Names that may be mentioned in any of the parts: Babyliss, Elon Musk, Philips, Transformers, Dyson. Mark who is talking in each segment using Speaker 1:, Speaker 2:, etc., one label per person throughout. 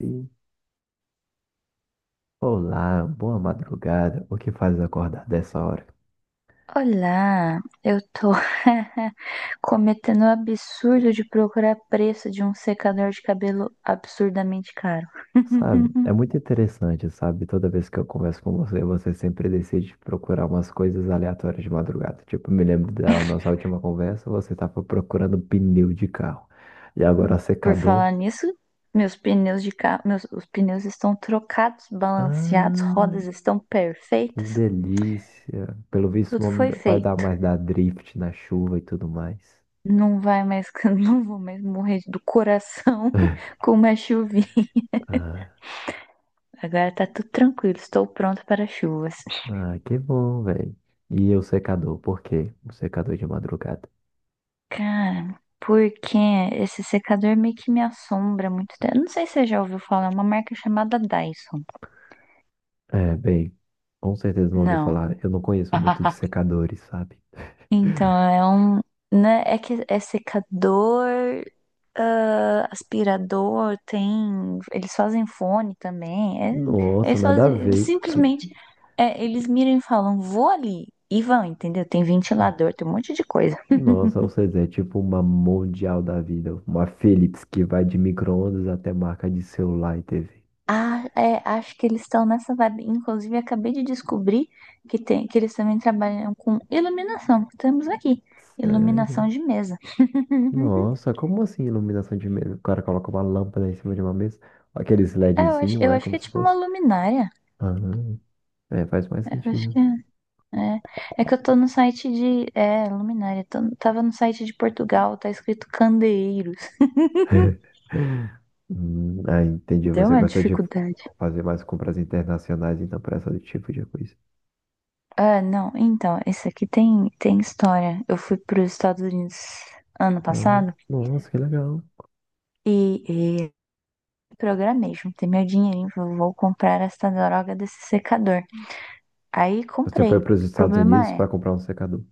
Speaker 1: Sim. Olá, boa madrugada. O que faz acordar dessa hora?
Speaker 2: Olá, eu tô cometendo o absurdo de procurar preço de um secador de cabelo absurdamente caro.
Speaker 1: Sabe? É muito interessante, sabe? Toda vez que eu converso com você, você sempre decide procurar umas coisas aleatórias de madrugada. Tipo, me lembro da nossa última conversa, você estava procurando pneu de carro. E agora
Speaker 2: Por
Speaker 1: secador.
Speaker 2: falar nisso, meus pneus de carro, os pneus estão trocados, balanceados,
Speaker 1: Ah,
Speaker 2: rodas estão
Speaker 1: que
Speaker 2: perfeitas,
Speaker 1: delícia. Pelo visto,
Speaker 2: tudo
Speaker 1: não
Speaker 2: foi
Speaker 1: vai dar
Speaker 2: feito.
Speaker 1: mais dar drift na chuva e tudo mais.
Speaker 2: Não vai mais, não vou mais morrer do coração com uma chuvinha.
Speaker 1: Ah,
Speaker 2: Agora tá tudo tranquilo, estou pronta para chuvas.
Speaker 1: que bom, velho. E o secador, por quê? O secador de madrugada.
Speaker 2: Cara, porque esse secador meio que me assombra há muito tempo. Eu não sei se você já ouviu falar, é uma marca chamada Dyson.
Speaker 1: É, bem, com certeza não ouvi
Speaker 2: Não.
Speaker 1: falar. Eu não conheço muito de secadores, sabe?
Speaker 2: Então, é um, né, é que é secador, aspirador, tem, eles fazem fone também,
Speaker 1: Nossa,
Speaker 2: eles
Speaker 1: nada a
Speaker 2: fazem,
Speaker 1: ver. Que...
Speaker 2: eles miram e falam, vou ali, e vão, entendeu? Tem ventilador, tem um monte de coisa.
Speaker 1: Nossa, ou seja, é tipo uma mundial da vida. Uma Philips que vai de micro-ondas até marca de celular e TV.
Speaker 2: Ah, é, acho que eles estão nessa vibe. Inclusive, acabei de descobrir que, tem, que eles também trabalham com iluminação, que temos aqui.
Speaker 1: Sério?
Speaker 2: Iluminação de mesa.
Speaker 1: Nossa, como assim iluminação de mesa? O cara coloca uma lâmpada em cima de uma mesa. Aqueles
Speaker 2: É,
Speaker 1: LEDzinho,
Speaker 2: eu
Speaker 1: é
Speaker 2: acho
Speaker 1: como
Speaker 2: que é
Speaker 1: se
Speaker 2: tipo uma
Speaker 1: fosse.
Speaker 2: luminária.
Speaker 1: Ah, é, faz mais
Speaker 2: É, eu acho
Speaker 1: sentido.
Speaker 2: que é. É, é que eu tô no site de. É, luminária. Tava no site de Portugal, tá escrito candeeiros.
Speaker 1: Entendi.
Speaker 2: Deu
Speaker 1: Você
Speaker 2: uma
Speaker 1: gosta de
Speaker 2: dificuldade.
Speaker 1: fazer mais compras internacionais, então, para esse tipo de coisa.
Speaker 2: Ah, não. Então, esse aqui tem história. Eu fui para os Estados Unidos ano
Speaker 1: Ah,
Speaker 2: passado
Speaker 1: nossa, que legal.
Speaker 2: e programei, juntei meu dinheirinho, falei, vou comprar essa droga desse secador. Aí
Speaker 1: Você
Speaker 2: comprei.
Speaker 1: foi
Speaker 2: O
Speaker 1: para os Estados
Speaker 2: problema
Speaker 1: Unidos
Speaker 2: é,
Speaker 1: para comprar um secador.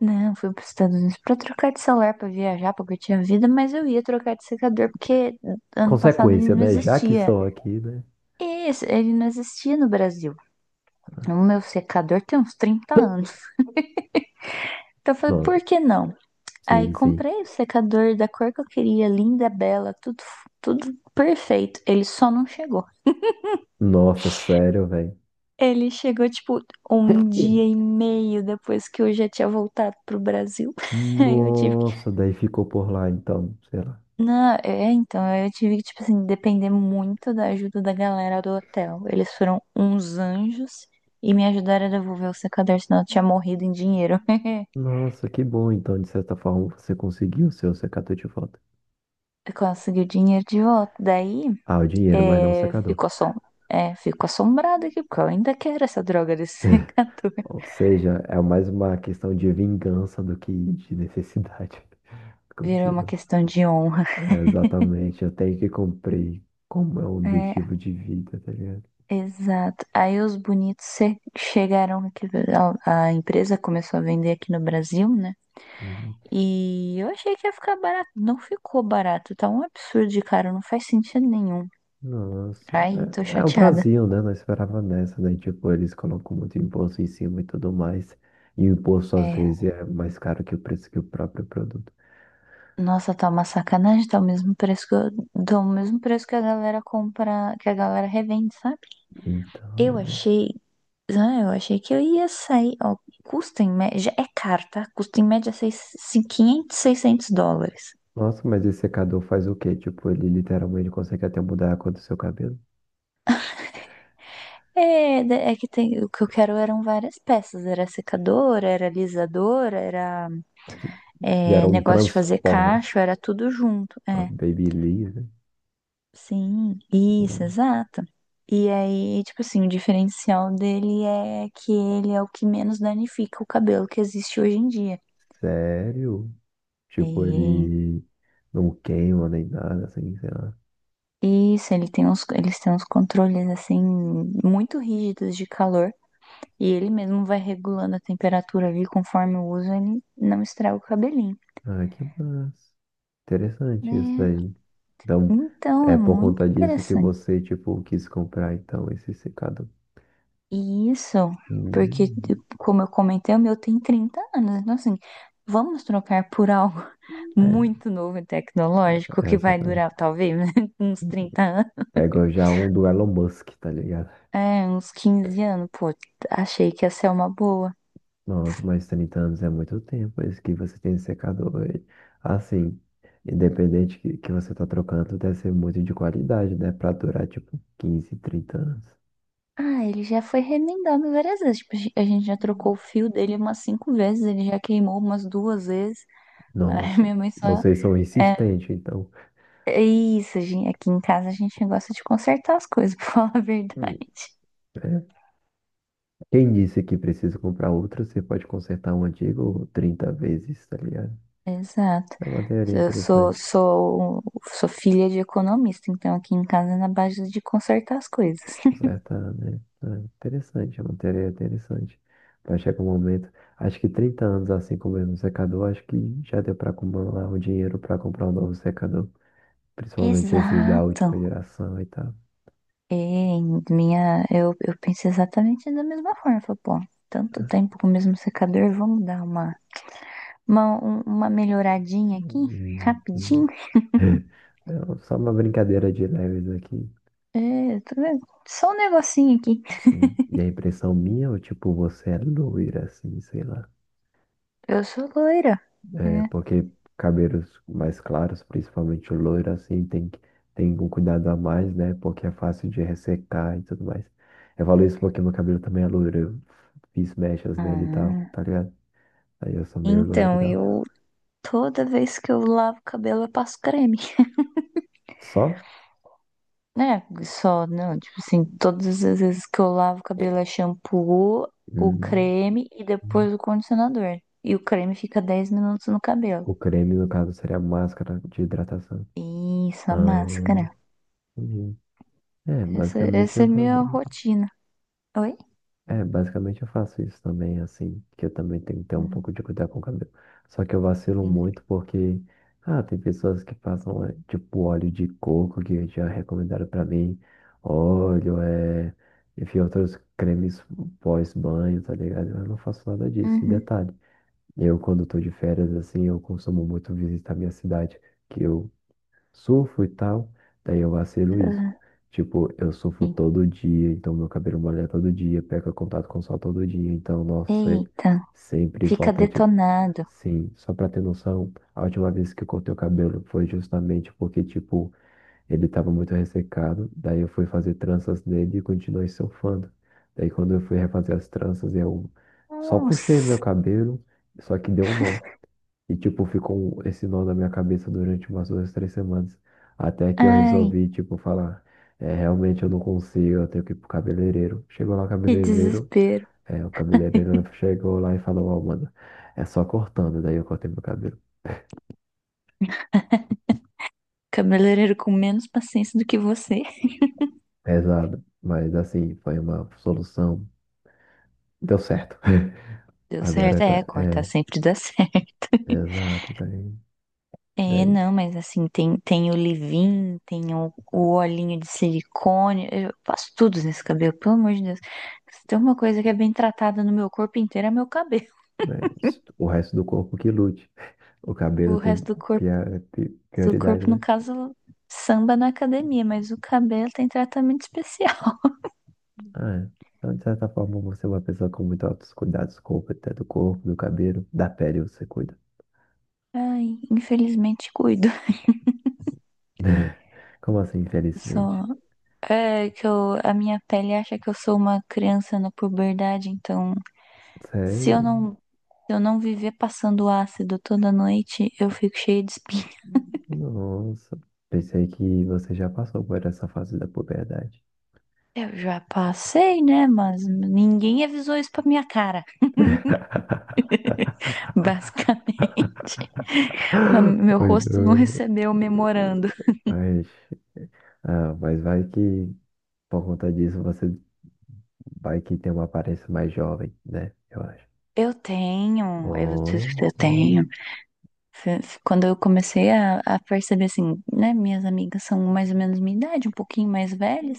Speaker 2: não, fui para os Estados Unidos para trocar de celular, para viajar, porque eu tinha vida, mas eu ia trocar de secador porque ano passado ele
Speaker 1: Consequência,
Speaker 2: não
Speaker 1: né? Já que
Speaker 2: existia.
Speaker 1: estou aqui, né?
Speaker 2: E ele não existia no Brasil. O meu secador tem uns 30 anos. Então eu falei,
Speaker 1: Não,
Speaker 2: por que não? Aí
Speaker 1: sim, sim.
Speaker 2: comprei o secador da cor que eu queria, linda, bela, tudo, tudo perfeito. Ele só não chegou.
Speaker 1: Nossa, sério, velho.
Speaker 2: Ele chegou, tipo, um dia e meio depois que eu já tinha voltado pro Brasil. Aí eu tive que.
Speaker 1: Nossa, daí ficou por lá, então, sei lá.
Speaker 2: Não, é, então, eu tive que, tipo assim, depender muito da ajuda da galera do hotel. Eles foram uns anjos e me ajudaram a devolver o secador, senão eu tinha morrido em dinheiro.
Speaker 1: Nossa, que bom, então, de certa forma, você conseguiu o seu secador de volta.
Speaker 2: Eu consegui o dinheiro de volta. Daí,
Speaker 1: Ah, o dinheiro, mas não o
Speaker 2: é,
Speaker 1: secador.
Speaker 2: fico assombrada aqui, porque eu ainda quero essa droga desse secador.
Speaker 1: Ou seja, é mais uma questão de vingança do que de necessidade. Como
Speaker 2: Virou
Speaker 1: se...
Speaker 2: uma questão de honra.
Speaker 1: É, exatamente, eu tenho que cumprir como é o
Speaker 2: É,
Speaker 1: objetivo de vida, tá ligado?
Speaker 2: exato. Aí os bonitos chegaram aqui, a empresa começou a vender aqui no Brasil, né?
Speaker 1: Uhum.
Speaker 2: E eu achei que ia ficar barato. Não ficou barato, tá um absurdo de caro, não faz sentido nenhum.
Speaker 1: Nossa,
Speaker 2: Ai, tô
Speaker 1: é, é o
Speaker 2: chateada.
Speaker 1: Brasil, né? Não esperava nessa, né? Tipo, eles colocam muito imposto em cima e tudo mais. E o imposto às
Speaker 2: É,
Speaker 1: vezes é mais caro que o preço que o próprio produto.
Speaker 2: nossa, tá uma sacanagem, tá o mesmo preço que a galera compra, que a galera revende, sabe? Eu
Speaker 1: Então, né?
Speaker 2: achei, eu achei que eu ia sair, ó, custa em média, é caro, tá? Custa em média 500, 600 dólares.
Speaker 1: Nossa, mas esse secador faz o quê? Tipo, ele literalmente consegue até mudar a cor do seu cabelo.
Speaker 2: É, é que tem, o que eu quero eram várias peças, era secadora, era alisadora, era
Speaker 1: Gera
Speaker 2: é,
Speaker 1: um
Speaker 2: negócio de fazer
Speaker 1: Transformers.
Speaker 2: cacho, era tudo junto,
Speaker 1: Uma
Speaker 2: é,
Speaker 1: Babyliss, né?
Speaker 2: sim, isso,
Speaker 1: Hum.
Speaker 2: exato. E aí, tipo assim, o diferencial dele é que ele é o que menos danifica o cabelo que existe hoje em dia.
Speaker 1: Sério? Tipo,
Speaker 2: E
Speaker 1: ele não queima nem nada, assim, sei lá.
Speaker 2: isso, eles têm uns controles assim muito rígidos de calor e ele mesmo vai regulando a temperatura ali conforme o uso, ele não estraga o cabelinho.
Speaker 1: Ah, que massa. Interessante isso
Speaker 2: Né?
Speaker 1: daí. Então,
Speaker 2: Então, é
Speaker 1: é por
Speaker 2: muito
Speaker 1: conta disso que
Speaker 2: interessante.
Speaker 1: você, tipo, quis comprar, então, esse secador.
Speaker 2: E isso, porque,
Speaker 1: Hum,
Speaker 2: como eu comentei, o meu tem 30 anos. Então, assim, vamos trocar por algo
Speaker 1: é,
Speaker 2: muito novo e tecnológico
Speaker 1: é,
Speaker 2: que vai durar,
Speaker 1: exatamente.
Speaker 2: talvez, uns 30 anos.
Speaker 1: Pegou já um do Elon Musk, tá ligado?
Speaker 2: É, uns 15 anos. Pô, achei que ia ser uma boa.
Speaker 1: Nossa, mas 30 anos é muito tempo, é isso que você tem de secador. E, assim, independente que você tá trocando, deve ser muito de qualidade, né? Pra durar, tipo, 15, 30 anos.
Speaker 2: Ah, ele já foi remendado várias vezes. Tipo, a gente já trocou o
Speaker 1: Hum.
Speaker 2: fio dele umas cinco vezes, ele já queimou umas duas vezes. Aí
Speaker 1: Nossa,
Speaker 2: minha mãe só.
Speaker 1: vocês são
Speaker 2: É,
Speaker 1: insistentes, então.
Speaker 2: é isso, gente. Aqui em casa a gente gosta de consertar as coisas, pra falar a verdade.
Speaker 1: Hum. É. Quem disse que precisa comprar outro, você pode consertar um antigo 30 vezes, tá ligado?
Speaker 2: Exato.
Speaker 1: É uma teoria
Speaker 2: Eu sou,
Speaker 1: interessante.
Speaker 2: sou, um, sou filha de economista, então aqui em casa é na base de consertar as coisas.
Speaker 1: Com certa, né? É interessante, é uma teoria interessante. Vai chegar um momento, acho que 30 anos assim com o mesmo secador, acho que já deu para acumular o dinheiro para comprar um novo secador. Principalmente esses da
Speaker 2: Exato.
Speaker 1: última geração e tal.
Speaker 2: E eu penso exatamente da mesma forma. Falei, pô, tanto tempo com o mesmo secador, vamos dar uma, um- uma melhoradinha aqui,
Speaker 1: Hum, hum.
Speaker 2: rapidinho.
Speaker 1: É um, só uma brincadeira de leves aqui.
Speaker 2: É, tá vendo? Só um negocinho aqui.
Speaker 1: Sim. E a impressão minha, ou tipo, você é loira, assim, sei lá.
Speaker 2: Eu sou loira.
Speaker 1: É,
Speaker 2: Né?
Speaker 1: porque cabelos mais claros, principalmente o loiro, assim, tem que tem um cuidado a mais, né? Porque é fácil de ressecar e tudo mais. Eu falo isso porque meu cabelo também é loiro. Eu fiz mechas nele e tal,
Speaker 2: Ah,
Speaker 1: tá ligado? Aí eu sou meio loiro e
Speaker 2: então,
Speaker 1: tal.
Speaker 2: eu toda vez que eu lavo o cabelo, eu passo creme.
Speaker 1: Só?
Speaker 2: Né? Só, não, tipo assim, todas as vezes que eu lavo o cabelo é shampoo, o
Speaker 1: Hum.
Speaker 2: creme e depois o condicionador. E o creme fica 10 minutos no cabelo.
Speaker 1: O creme, no caso, seria a máscara de hidratação.
Speaker 2: Isso, a
Speaker 1: Ah,
Speaker 2: máscara.
Speaker 1: entendi. É,
Speaker 2: Essa
Speaker 1: basicamente
Speaker 2: essa é
Speaker 1: eu falei.
Speaker 2: minha rotina. Oi?
Speaker 1: É, basicamente eu faço isso também, assim, que eu também tenho que ter um
Speaker 2: Hum,
Speaker 1: pouco de cuidado com o cabelo. Só que eu vacilo
Speaker 2: sim.
Speaker 1: muito porque, ah, tem pessoas que passam, é, tipo, óleo de coco que já recomendaram pra mim, óleo, é, enfim, outros cremes pós-banho, tá ligado? Eu não faço nada disso. E
Speaker 2: Uhum.
Speaker 1: detalhe, eu quando tô de férias, assim, eu consumo muito visitar minha cidade, que eu surfo e tal, daí eu vacilo isso.
Speaker 2: Ah,
Speaker 1: Tipo, eu surfo
Speaker 2: sim.
Speaker 1: todo dia, então meu cabelo molha todo dia, pega contato com o sol todo dia, então, nossa, é
Speaker 2: Eita,
Speaker 1: sempre
Speaker 2: fica
Speaker 1: volta, tipo,
Speaker 2: detonado.
Speaker 1: sim, só pra ter noção, a última vez que eu cortei o cabelo foi justamente porque, tipo, ele tava muito ressecado, daí eu fui fazer tranças nele e continuei surfando. Daí quando eu fui refazer as tranças, eu só puxei
Speaker 2: Nossa,
Speaker 1: meu cabelo, só que deu um nó. E, tipo, ficou um, esse nó na minha cabeça durante umas duas, três semanas. Até que eu
Speaker 2: ai,
Speaker 1: resolvi, tipo, falar, é, realmente eu não consigo, eu tenho que ir pro cabeleireiro. Chegou lá o
Speaker 2: que
Speaker 1: cabeleireiro,
Speaker 2: desespero.
Speaker 1: é, o cabeleireiro chegou lá e falou, ó, mano, é só cortando. Daí eu cortei meu cabelo.
Speaker 2: Cabeleireiro com menos paciência do que você.
Speaker 1: Pesado, mas assim, foi uma solução. Deu certo.
Speaker 2: Deu certo,
Speaker 1: Agora tá,
Speaker 2: é, cortar
Speaker 1: é,
Speaker 2: sempre dá certo.
Speaker 1: exato, tá aí.
Speaker 2: É,
Speaker 1: Daí,
Speaker 2: não, mas assim, tem o leave-in, tem o olhinho de silicone, eu faço tudo nesse cabelo, pelo amor de Deus. Se tem uma coisa que é bem tratada no meu corpo inteiro, é meu cabelo.
Speaker 1: né, o resto do corpo que lute. O cabelo
Speaker 2: O resto
Speaker 1: tem
Speaker 2: do
Speaker 1: prioridade,
Speaker 2: corpo, no
Speaker 1: né?
Speaker 2: caso, samba na academia, mas o cabelo tem tratamento especial.
Speaker 1: É, então, de certa forma, você é uma pessoa com muito altos cuidados com o até do corpo, do cabelo, da pele você cuida.
Speaker 2: Ai, infelizmente cuido.
Speaker 1: Como assim, infelizmente?
Speaker 2: Só é que eu, a minha pele acha que eu sou uma criança na puberdade, então Se eu
Speaker 1: Sério?
Speaker 2: não, se eu não viver passando ácido toda noite, eu fico cheia de espinha.
Speaker 1: Nossa. Pensei que você já passou por essa fase da puberdade.
Speaker 2: Eu já passei, né? Mas ninguém avisou isso pra minha cara. Basicamente. Meu
Speaker 1: Oi,
Speaker 2: rosto não
Speaker 1: não.
Speaker 2: recebeu o memorando.
Speaker 1: Mas, ah, mas vai que por conta disso você vai que tem uma aparência mais jovem, né? Eu acho. Oh,
Speaker 2: Eu
Speaker 1: mas eu...
Speaker 2: tenho. Quando eu comecei a perceber, assim, né? Minhas amigas são mais ou menos minha idade, um pouquinho mais velhas.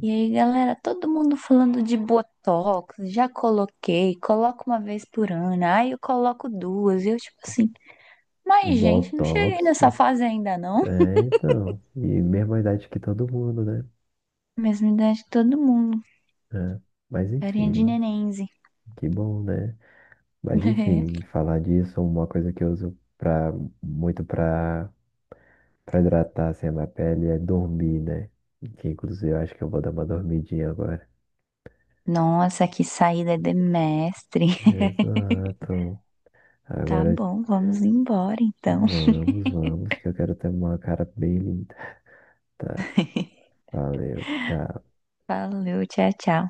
Speaker 2: E aí, galera, todo mundo falando de Botox, já coloquei, coloco uma vez por ano, aí eu coloco duas, e eu tipo assim, mas gente, não
Speaker 1: Botox,
Speaker 2: cheguei nessa fase ainda não.
Speaker 1: é, então, e mesma idade que todo mundo, né?
Speaker 2: Mesma idade de todo mundo,
Speaker 1: É, mas
Speaker 2: carinha de
Speaker 1: enfim,
Speaker 2: nenenze.
Speaker 1: que bom, né? Mas enfim, falar disso, uma coisa que eu uso pra, muito pra, pra hidratar assim, a minha pele é dormir, né? Que inclusive eu acho que eu vou dar uma dormidinha agora.
Speaker 2: Nossa, que saída de mestre.
Speaker 1: Exato.
Speaker 2: Tá
Speaker 1: Agora
Speaker 2: bom, vamos embora então.
Speaker 1: vamos, vamos, que eu quero ter uma cara bem linda. Tá, valeu, tchau.
Speaker 2: Valeu, tchau, tchau.